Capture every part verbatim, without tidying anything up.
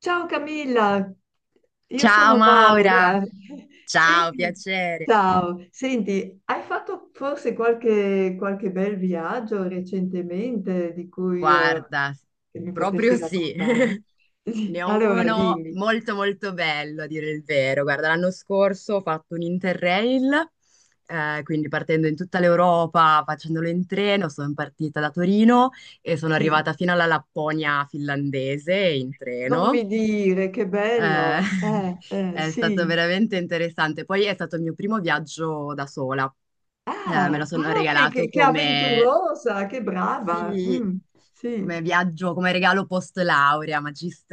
Ciao Camilla, io Ciao sono Maura. Maura, ciao, Senti, piacere. ciao, senti, hai fatto forse qualche, qualche bel viaggio recentemente di cui eh, Guarda, che mi proprio potresti sì, raccontare? Sì, ne ho allora uno dimmi, molto molto bello, a dire il vero. Guarda, l'anno scorso ho fatto un Interrail, eh, quindi partendo in tutta l'Europa, facendolo in treno, sono partita da Torino e sono sì, arrivata fino alla Lapponia finlandese in non treno. mi dire, che Eh, bello, eh, eh, è stato sì. veramente interessante. Poi è stato il mio primo viaggio da sola. Eh, me lo Ah, sono ah, che, che- regalato che come... avventurosa, che brava, Sì, mm, come sì, viaggio, come regalo post laurea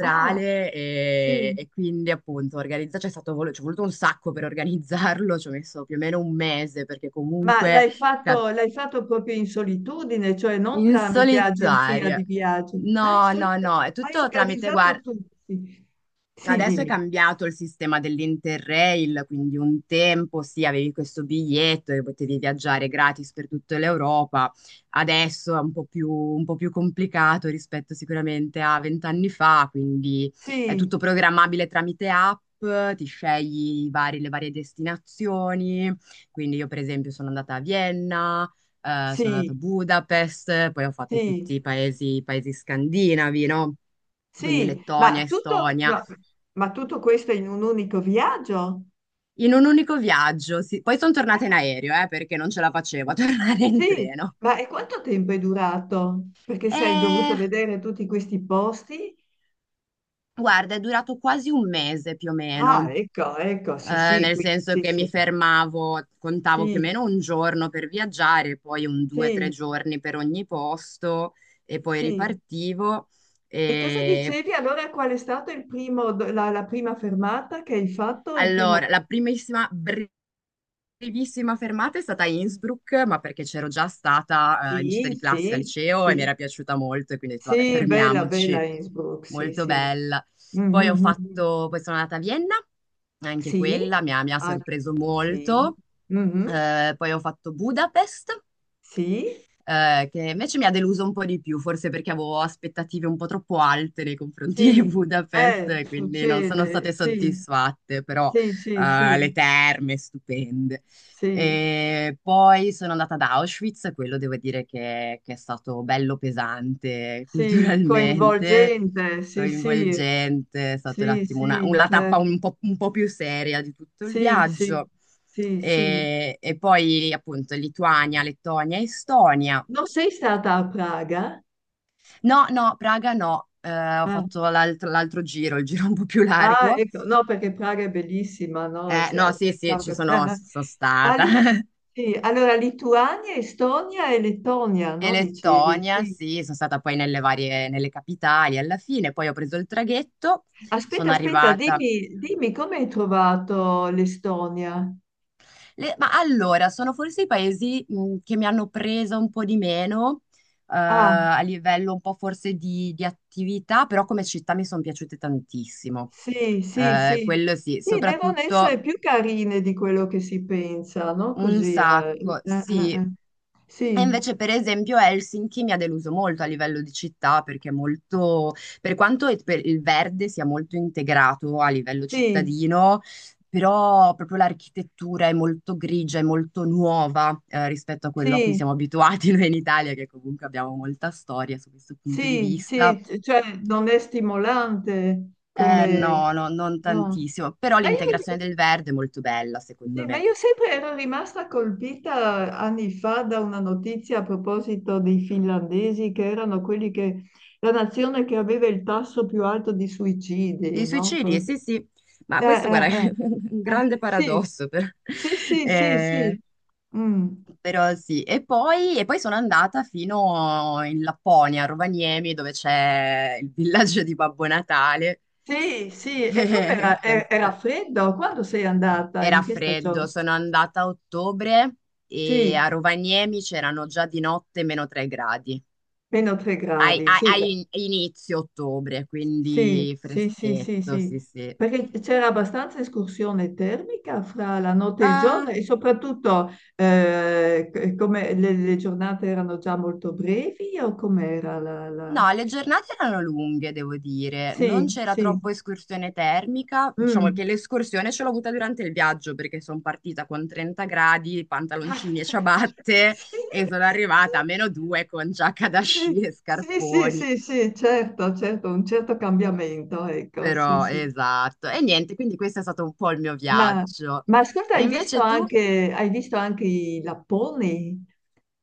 ah, e, sì. e quindi appunto organizza, c'è stato, vol- ci è voluto un sacco per organizzarlo, ci ho messo più o meno un mese perché Ma comunque l'hai ca- fatto, l'hai fatto proprio in solitudine, cioè non in tramite agenzia solitaria. di viaggi. Ah, in No, no, solitudine. no, è Hai tutto tramite, organizzato guarda. tu. Sì, sì, Adesso è dimmi. cambiato il sistema dell'Interrail, quindi un tempo sì, avevi questo biglietto e potevi viaggiare gratis per tutta l'Europa. Adesso è un po' più, un po' più complicato rispetto sicuramente a vent'anni fa, quindi è tutto Sì, programmabile tramite app, ti scegli i vari- le varie destinazioni. Quindi io per esempio sono andata a Vienna, eh, sono sì, andata a Budapest, poi ho fatto sì, tutti i paesi, i paesi scandinavi, no? Quindi sì. Ma Lettonia, tutto, Estonia. no, ma tutto questo in un unico viaggio? In un unico viaggio. Sì. Poi sono tornata in aereo, eh, perché non ce la facevo a tornare in Sì. treno. Ma e quanto tempo è durato? Perché se hai dovuto E vedere tutti questi posti? guarda, è durato quasi un mese più o Ah, meno. ecco, ecco, sì, Eh, sì, nel qui, senso sì, che sì, mi fermavo, contavo più o sì, meno un giorno per viaggiare, poi un due o tre sì, giorni per ogni posto e poi sì. ripartivo. E cosa E dicevi allora? Qual è stata il primo, do- la, la prima fermata che hai fatto? Il primo... allora, la primissima primissima fermata è stata Innsbruck, ma perché c'ero già stata, eh, in gita Sì, di classe al sì, liceo e mi sì, era piaciuta molto e quindi ho detto vabbè, sì, bella, bella fermiamoci. Innsbruck, sì, Molto sì. bella. Poi ho Mhm, mhm. fatto, poi sono andata a Vienna, anche Sì, quella mi ha, mi ha anche- sorpreso sì, molto. mhm, Eh, poi ho fatto Budapest, sì, eh, che invece mi ha deluso un po' di più, forse perché avevo aspettative un po' troppo alte nei confronti di sì, Budapest, eh, e quindi non sono succede, state sì, soddisfatte, però sì, sì, eh, le sì, terme stupende. sì, E poi sono andata ad Auschwitz, quello devo dire che, che è stato bello pesante sì, culturalmente, coinvolgente, sì, sì. coinvolgente, è stata un Sì, attimo una, sì, una tappa certo. un po', un po' più seria di tutto il Sì, sì, viaggio. sì, sì. E, e poi appunto Lituania, Lettonia, Estonia. Non sei stata a Praga? No, no, Praga no. Eh, ho Ah, fatto l'alt- l'altro giro, il giro un po' più ah, largo. ecco, no, perché Praga è bellissima, no? Eh, Sì, ah, no, sì, sì, pensavo ci che... sono, ci sono Ah, stata. lì- sì, allora Lituania, Estonia e Lettonia, E no? Dicevi, Lettonia, sì. sì, sono stata poi nelle varie, nelle capitali alla fine, poi ho preso il traghetto, Aspetta, sono aspetta, arrivata. dimmi, dimmi come hai trovato l'Estonia? Le- ma allora, sono forse i paesi mh, che mi hanno preso un po' di meno, eh, Ah, a livello un po' forse di, di attività, però come città mi sono piaciute tantissimo. sì, sì, Eh, sì. quello sì, Sì, devono essere soprattutto. più carine di quello che si pensa, no? Un Così. eh, sacco, eh, eh, sì. eh. E Sì, invece, per esempio, Helsinki mi ha deluso molto a livello di città perché è molto, per quanto il per- il verde sia molto integrato a livello sì, cittadino, però proprio l'architettura è molto grigia, è molto nuova, eh, rispetto a quello a cui sì. siamo abituati noi in Italia, che comunque abbiamo molta storia su questo punto di Sì, sì, vista. c- cioè non è stimolante Eh, come... no, no, non No. tantissimo, però Ma l'integrazione io, del verde è molto bella, secondo sì, ma me. io sempre ero rimasta colpita anni fa da una notizia a proposito dei finlandesi, che erano quelli che... la nazione che aveva il tasso più alto di suicidi, Di no? suicidi, Forse. sì, sì, ma Eh, questo, eh, guarda, è eh. un Eh, grande sì, paradosso, per- sì, sì, sì, eh, sì. Mm. però sì. E poi, e poi sono andata fino in Lapponia, a Rovaniemi, dove c'è il villaggio di Babbo Natale, Sì, sì, e com'era? che E- Era freddo? Quando sei andata? In era che stagione? freddo. Sono andata a ottobre e Sì, a Rovaniemi c'erano già di notte meno tre gradi. meno tre Ai- gradi, ai- sì, ai- beh, in- Inizio ottobre, sì, quindi sì, sì, sì, freschetto, sì, sì, sì. perché c'era abbastanza escursione termica fra la notte e il giorno Ah, e soprattutto eh, c- come le, le giornate erano già molto brevi o com'era la, la... no, le giornate erano lunghe, devo dire, non Sì, c'era sì, troppo escursione termica, diciamo mm. che l'escursione ce l'ho avuta durante il viaggio perché sono partita con trenta gradi, Ah, pantaloncini e ciabatte sì, e sono arrivata a meno due con giacca da sì, sci e sì, sì, sì, scarponi, sì, sì, certo, certo, un certo cambiamento, ecco, sì, però sì. esatto, e niente, quindi questo è stato un po' il mio Ma, viaggio. ma ascolta, E hai visto invece tu? anche, hai visto anche i lapponi?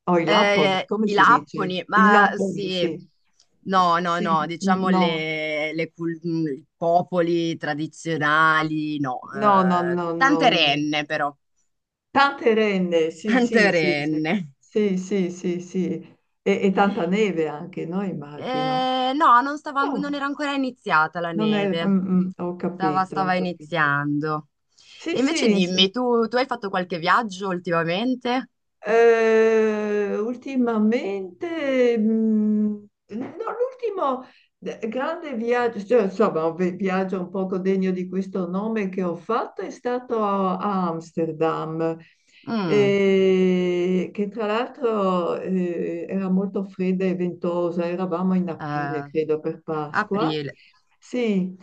Oh, i lamponi, Eh, come i si dice? lapponi, I ma lamponi, sì, sì. S- no, no, no, Sì, diciamo no, le, le cul- mh, i popoli tradizionali, no, no, no, eh, no, no. tante No. renne però, Tante renne, sì, tante sì, sì, sì, renne. sì, sì, sì, sì. E, e tanta neve anche, no? Immagino. Eh, no, non stava, an- non No, era ancora iniziata la non è... neve, mm, mm, ho stava, capito, ho stava capito. iniziando. Sì, E sì. invece dimmi, tu, tu hai fatto qualche viaggio ultimamente? Eh, ultimamente, mh, no, l'ultimo d- grande viaggio, cioè, insomma, un vi- viaggio un poco degno di questo nome che ho fatto è stato a, a Amsterdam, Mm, eh, che tra l'altro eh, era molto fredda e ventosa, eravamo in aprile, eh, credo, per Pasqua. Aprile, Sì,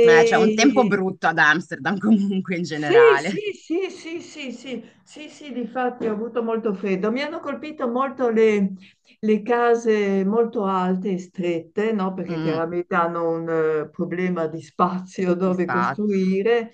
eh, c'è un tempo brutto ad Amsterdam comunque in sì, generale. sì, sì, sì, sì, sì, sì, sì, difatti ho avuto molto freddo. Mi hanno colpito molto le, le case molto alte e strette, no? Perché Mm. chiaramente hanno un eh, problema di spazio Gli dove spazi. costruire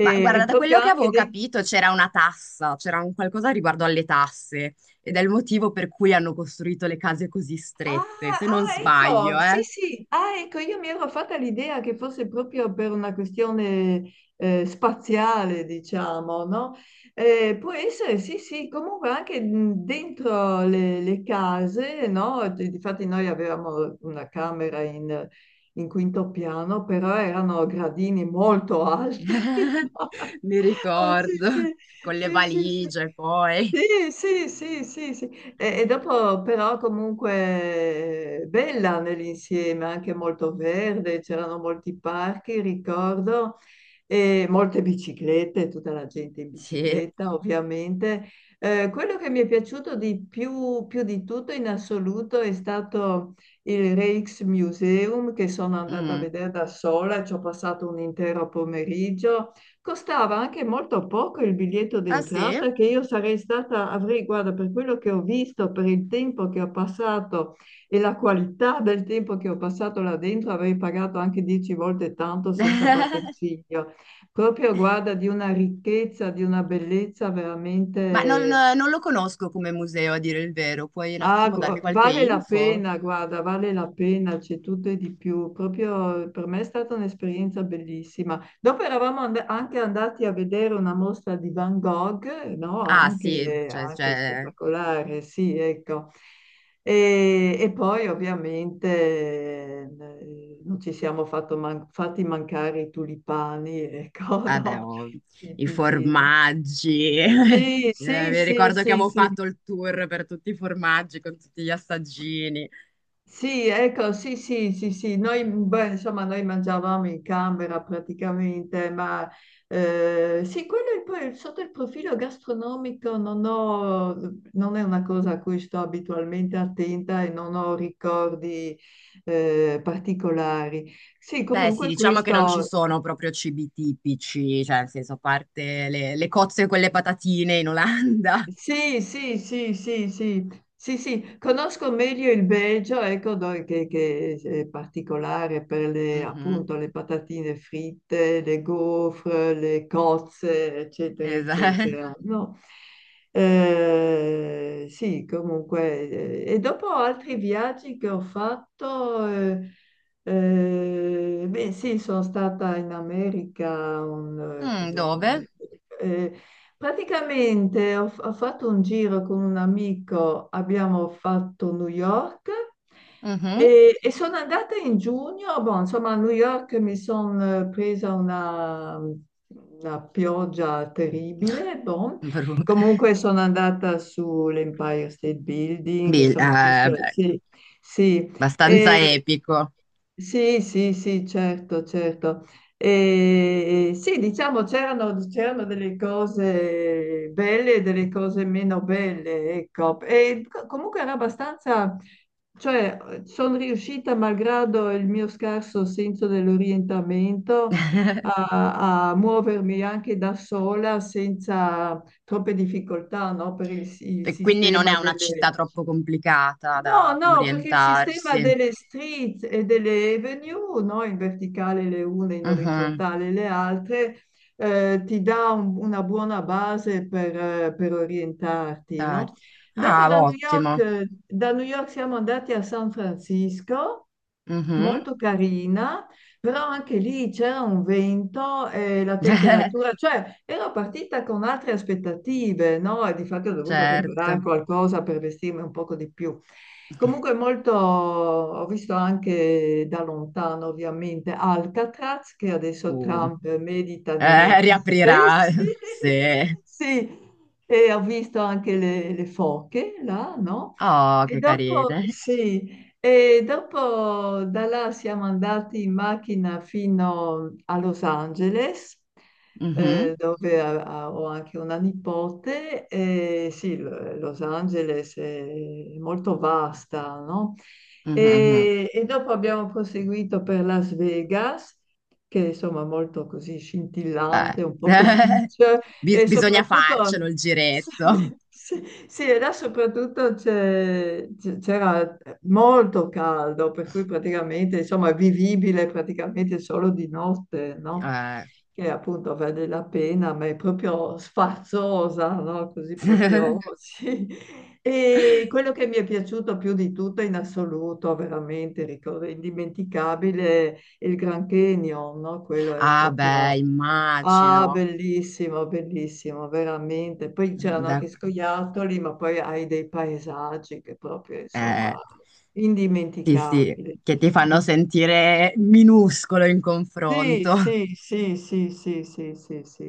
Ma e guarda, da proprio quello che anche avevo dei. capito c'era una tassa, c'era un qualcosa riguardo alle tasse ed è il motivo per cui hanno costruito le case così Ah, strette, se non ah, sbaglio, ecco, sì, eh. sì, ah, ecco, io mi ero fatta l'idea che fosse proprio per una questione eh, spaziale, diciamo, no? Eh, può essere, sì, sì, comunque anche mh, dentro le, le case, no? D- Difatti noi avevamo una camera in, in quinto piano, però erano gradini molto alti, Mi Oh, sì, ricordo, sì, con le sì, sì, sì. valigie poi. Sì, sì, sì, sì, sì. E, e dopo però comunque eh, bella nell'insieme, anche molto verde, c'erano molti parchi, ricordo, e molte biciclette, tutta la gente in Sì. bicicletta ovviamente. Eh, quello che mi è piaciuto di più, più di tutto in assoluto è stato il Rijksmuseum che sono andata a Mm. vedere da sola, ci ho passato un intero pomeriggio. Costava anche molto poco il biglietto Ah sì? d'entrata che io sarei stata, avrei, guarda, per quello che ho visto, per il tempo che ho passato e la qualità del tempo che ho passato là dentro, avrei pagato anche dieci volte tanto senza batter ciglio. Proprio, guarda, di una ricchezza, di una bellezza Ma non, veramente. no, non lo conosco come museo, a dire il vero. Puoi un Ah, attimo darmi gu- qualche vale la info? pena, guarda, vale la pena, c'è tutto e di più. Proprio eh, per me è stata un'esperienza bellissima. Dopo eravamo and- anche andati a vedere una mostra di Van Gogh, no? Ah sì, Anche, cioè, anche c'è. spettacolare, sì, ecco. E, e poi ovviamente eh, non ci siamo fatto man- fatti mancare i tulipani, ecco, Vabbè, no? oh, i Tipici, no? formaggi. Sì, Eh, sì, Mi sì, ricordo che sì, avevo sì, fatto il tour per tutti i formaggi con tutti gli assaggini. sì, ecco, sì, sì, sì, sì, noi, beh, insomma, noi mangiavamo in camera praticamente, ma eh, sì, quello è poi sotto il profilo gastronomico non ho, non è una cosa a cui sto abitualmente attenta e non ho ricordi eh, particolari. Sì, Beh, sì, comunque diciamo che non ci questo. sono proprio cibi tipici, cioè, nel senso, a parte le, le cozze con le patatine in Olanda. Sì, sì, sì, sì, sì, sì, sì, conosco meglio il Belgio, ecco, do- che, che è particolare per le, Mhm, appunto, le patatine fritte, le gaufre, le cozze, eccetera, esa- eccetera. No? Eh, sì, comunque, eh, e dopo altri viaggi che ho fatto, eh, eh, beh, sì, sono stata in America, un, eh, Mm, cos'era? dove? Eh, Praticamente ho, f- ho fatto un giro con un amico, abbiamo fatto New York Mhm. e, e sono andata in giugno. Boh, insomma, a New York mi sono presa una, una pioggia terribile. Boh. Bru- Comunque sono andata sull'Empire State Building, Bil- insomma, ho eh, visto, beh, sì, sì. E- abbastanza epico. sì, sì, sì, certo, certo. E sì, diciamo, c'erano c'erano delle cose belle e delle cose meno belle, ecco. E co- comunque era abbastanza, cioè, sono riuscita, malgrado il mio scarso senso dell'orientamento, a, a muovermi anche da sola senza troppe difficoltà, no? Per il, il E quindi non è sistema una città delle. troppo complicata No, da- per no, perché il sistema orientarsi. delle street e delle avenue, no, in verticale le une, in Mhm. orizzontale le altre, eh, ti dà un- una buona base per, eh, per orientarti, Tardi. no? Dopo Ah, da New York, ottimo. eh, da New York siamo andati a San Francisco Mhm. molto carina, però anche lì c'era un vento e la temperatura, cioè ero partita con altre aspettative, no? E di fatto ho dovuto comprare Certo. qualcosa per vestirmi un poco di più. Comunque molto, ho visto anche da lontano ovviamente Alcatraz, che adesso Uh, Trump medita di eh, riaprire, riaprirà. sì, Sì. sì. E ho visto anche le, le foche là, no? Oh, E che dopo, carine. sì, e dopo da là siamo andati in macchina fino a Los Angeles, eh, Mhm, dove a- a- ho anche una nipote. E sì, L- Los Angeles è molto vasta, no? mhm, mhm. E, e dopo abbiamo proseguito per Las Vegas, che insomma è molto così Beh. scintillante, un poco kitsch, Bis- e bisogna soprattutto... farcelo il giretto. Sì, sì. Sì, e là soprattutto c'è- c'è- c'era molto caldo, per cui praticamente, insomma, è vivibile praticamente solo di notte, no? Eh, Che appunto vale la pena, ma è proprio sfarzosa, no? Così proprio, sì. E quello che mi è piaciuto più di tutto in assoluto, veramente, ricordo, indimenticabile, è il Grand Canyon, no? Quello è Ah, beh, proprio... Ah, immagino. bellissimo, bellissimo, veramente. Poi c'erano anche Da- scoiattoli, ma poi hai dei paesaggi che proprio, eh, insomma, sì, sì, indimenticabili. che ti fanno sentire minuscolo in Sì, confronto. sì, sì, sì, sì, sì, sì, sì.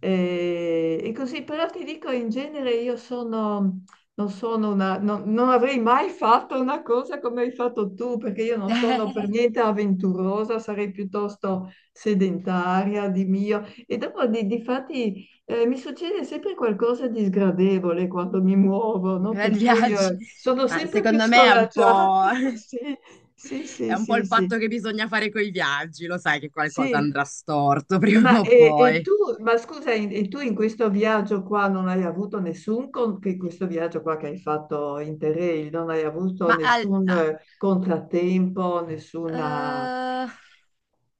Eh, E, così, però ti dico, in genere io sono, non sono una, non, non avrei mai fatto una cosa come hai fatto tu, perché io non sono per niente avventurosa, sarei piuttosto sedentaria di mio. E dopo, di, difatti, eh, mi succede sempre qualcosa di sgradevole quando mi muovo, no? Per Grandi cui, viaggi. eh, sono Ma sempre più secondo me è un scoraggiata. po', Sì, è sì, sì, un po' sì, il sì. patto che bisogna fare con i viaggi, lo sai che qualcosa Sì, andrà storto ma, prima o e, e poi. tu, ma scusa, in- e tu in questo viaggio qua non hai avuto nessun, con, che questo viaggio qua che hai fatto in Interrail, non hai avuto Ma al- nessun a- eh, contrattempo, nessuna... eh,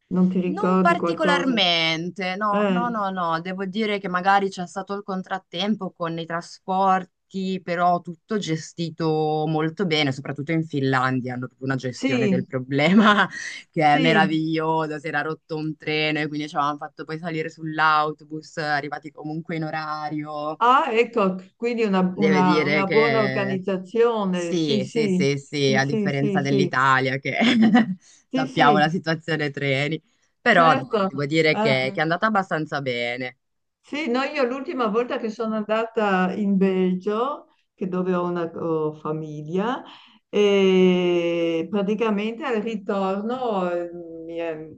Non ti Non ricordi qualcosa? particolarmente, no, no, Eh, no, no, devo dire che magari c'è stato il contrattempo con i trasporti, però tutto gestito molto bene, soprattutto in Finlandia hanno proprio una gestione sì, del problema che è sì. meravigliosa, si era rotto un treno e quindi ci avevano fatto poi salire sull'autobus, arrivati comunque in orario, Ah, ecco, quindi una, deve una- dire una buona che organizzazione. Sì, sì, sì, sì, sì, sì, sì, a sì, sì, differenza sì, dell'Italia che sì, sappiamo la sì, situazione treni, però no, certo. devo dire che, che Eh. è andata abbastanza bene. Sì, no, io l'ultima volta che sono andata in Belgio, che dove ho una ho famiglia, e praticamente al ritorno, eh, mi è-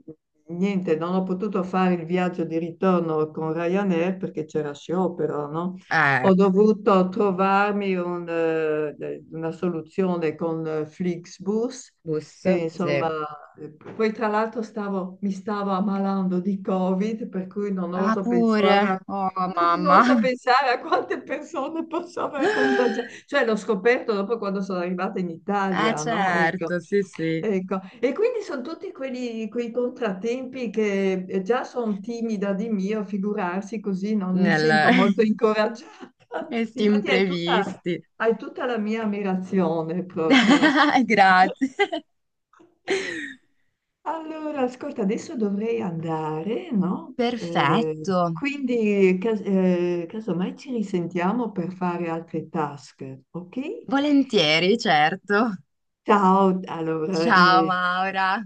niente, non ho potuto fare il viaggio di ritorno con Ryanair perché c'era sciopero, no? Eh, Ho dovuto trovarmi un, eh, una soluzione con eh, Flixbus, bus, che insomma sì. poi tra l'altro stavo- mi stavo ammalando di Covid, per cui non Ah, oso pure, pensare a, oh non oso mamma, pensare a quante persone posso aver contagiato. Cioè l'ho scoperto dopo quando sono arrivata in eh Italia, no? Ecco, certo, sì, sì, ecco. E quindi sono tutti quelli- quei contrattempi che eh, già sono timida di mio, figurarsi così non mi nel... sento molto incoraggiata. questi Difatti hai tutta, imprevisti. hai tutta la mia ammirazione proprio. Grazie. Allora, ascolta, adesso dovrei andare, no? Eh, Perfetto, quindi, cas- eh, casomai ci risentiamo per fare altre task, ok? volentieri, certo. Ciao, allora, Ciao eh, Maura.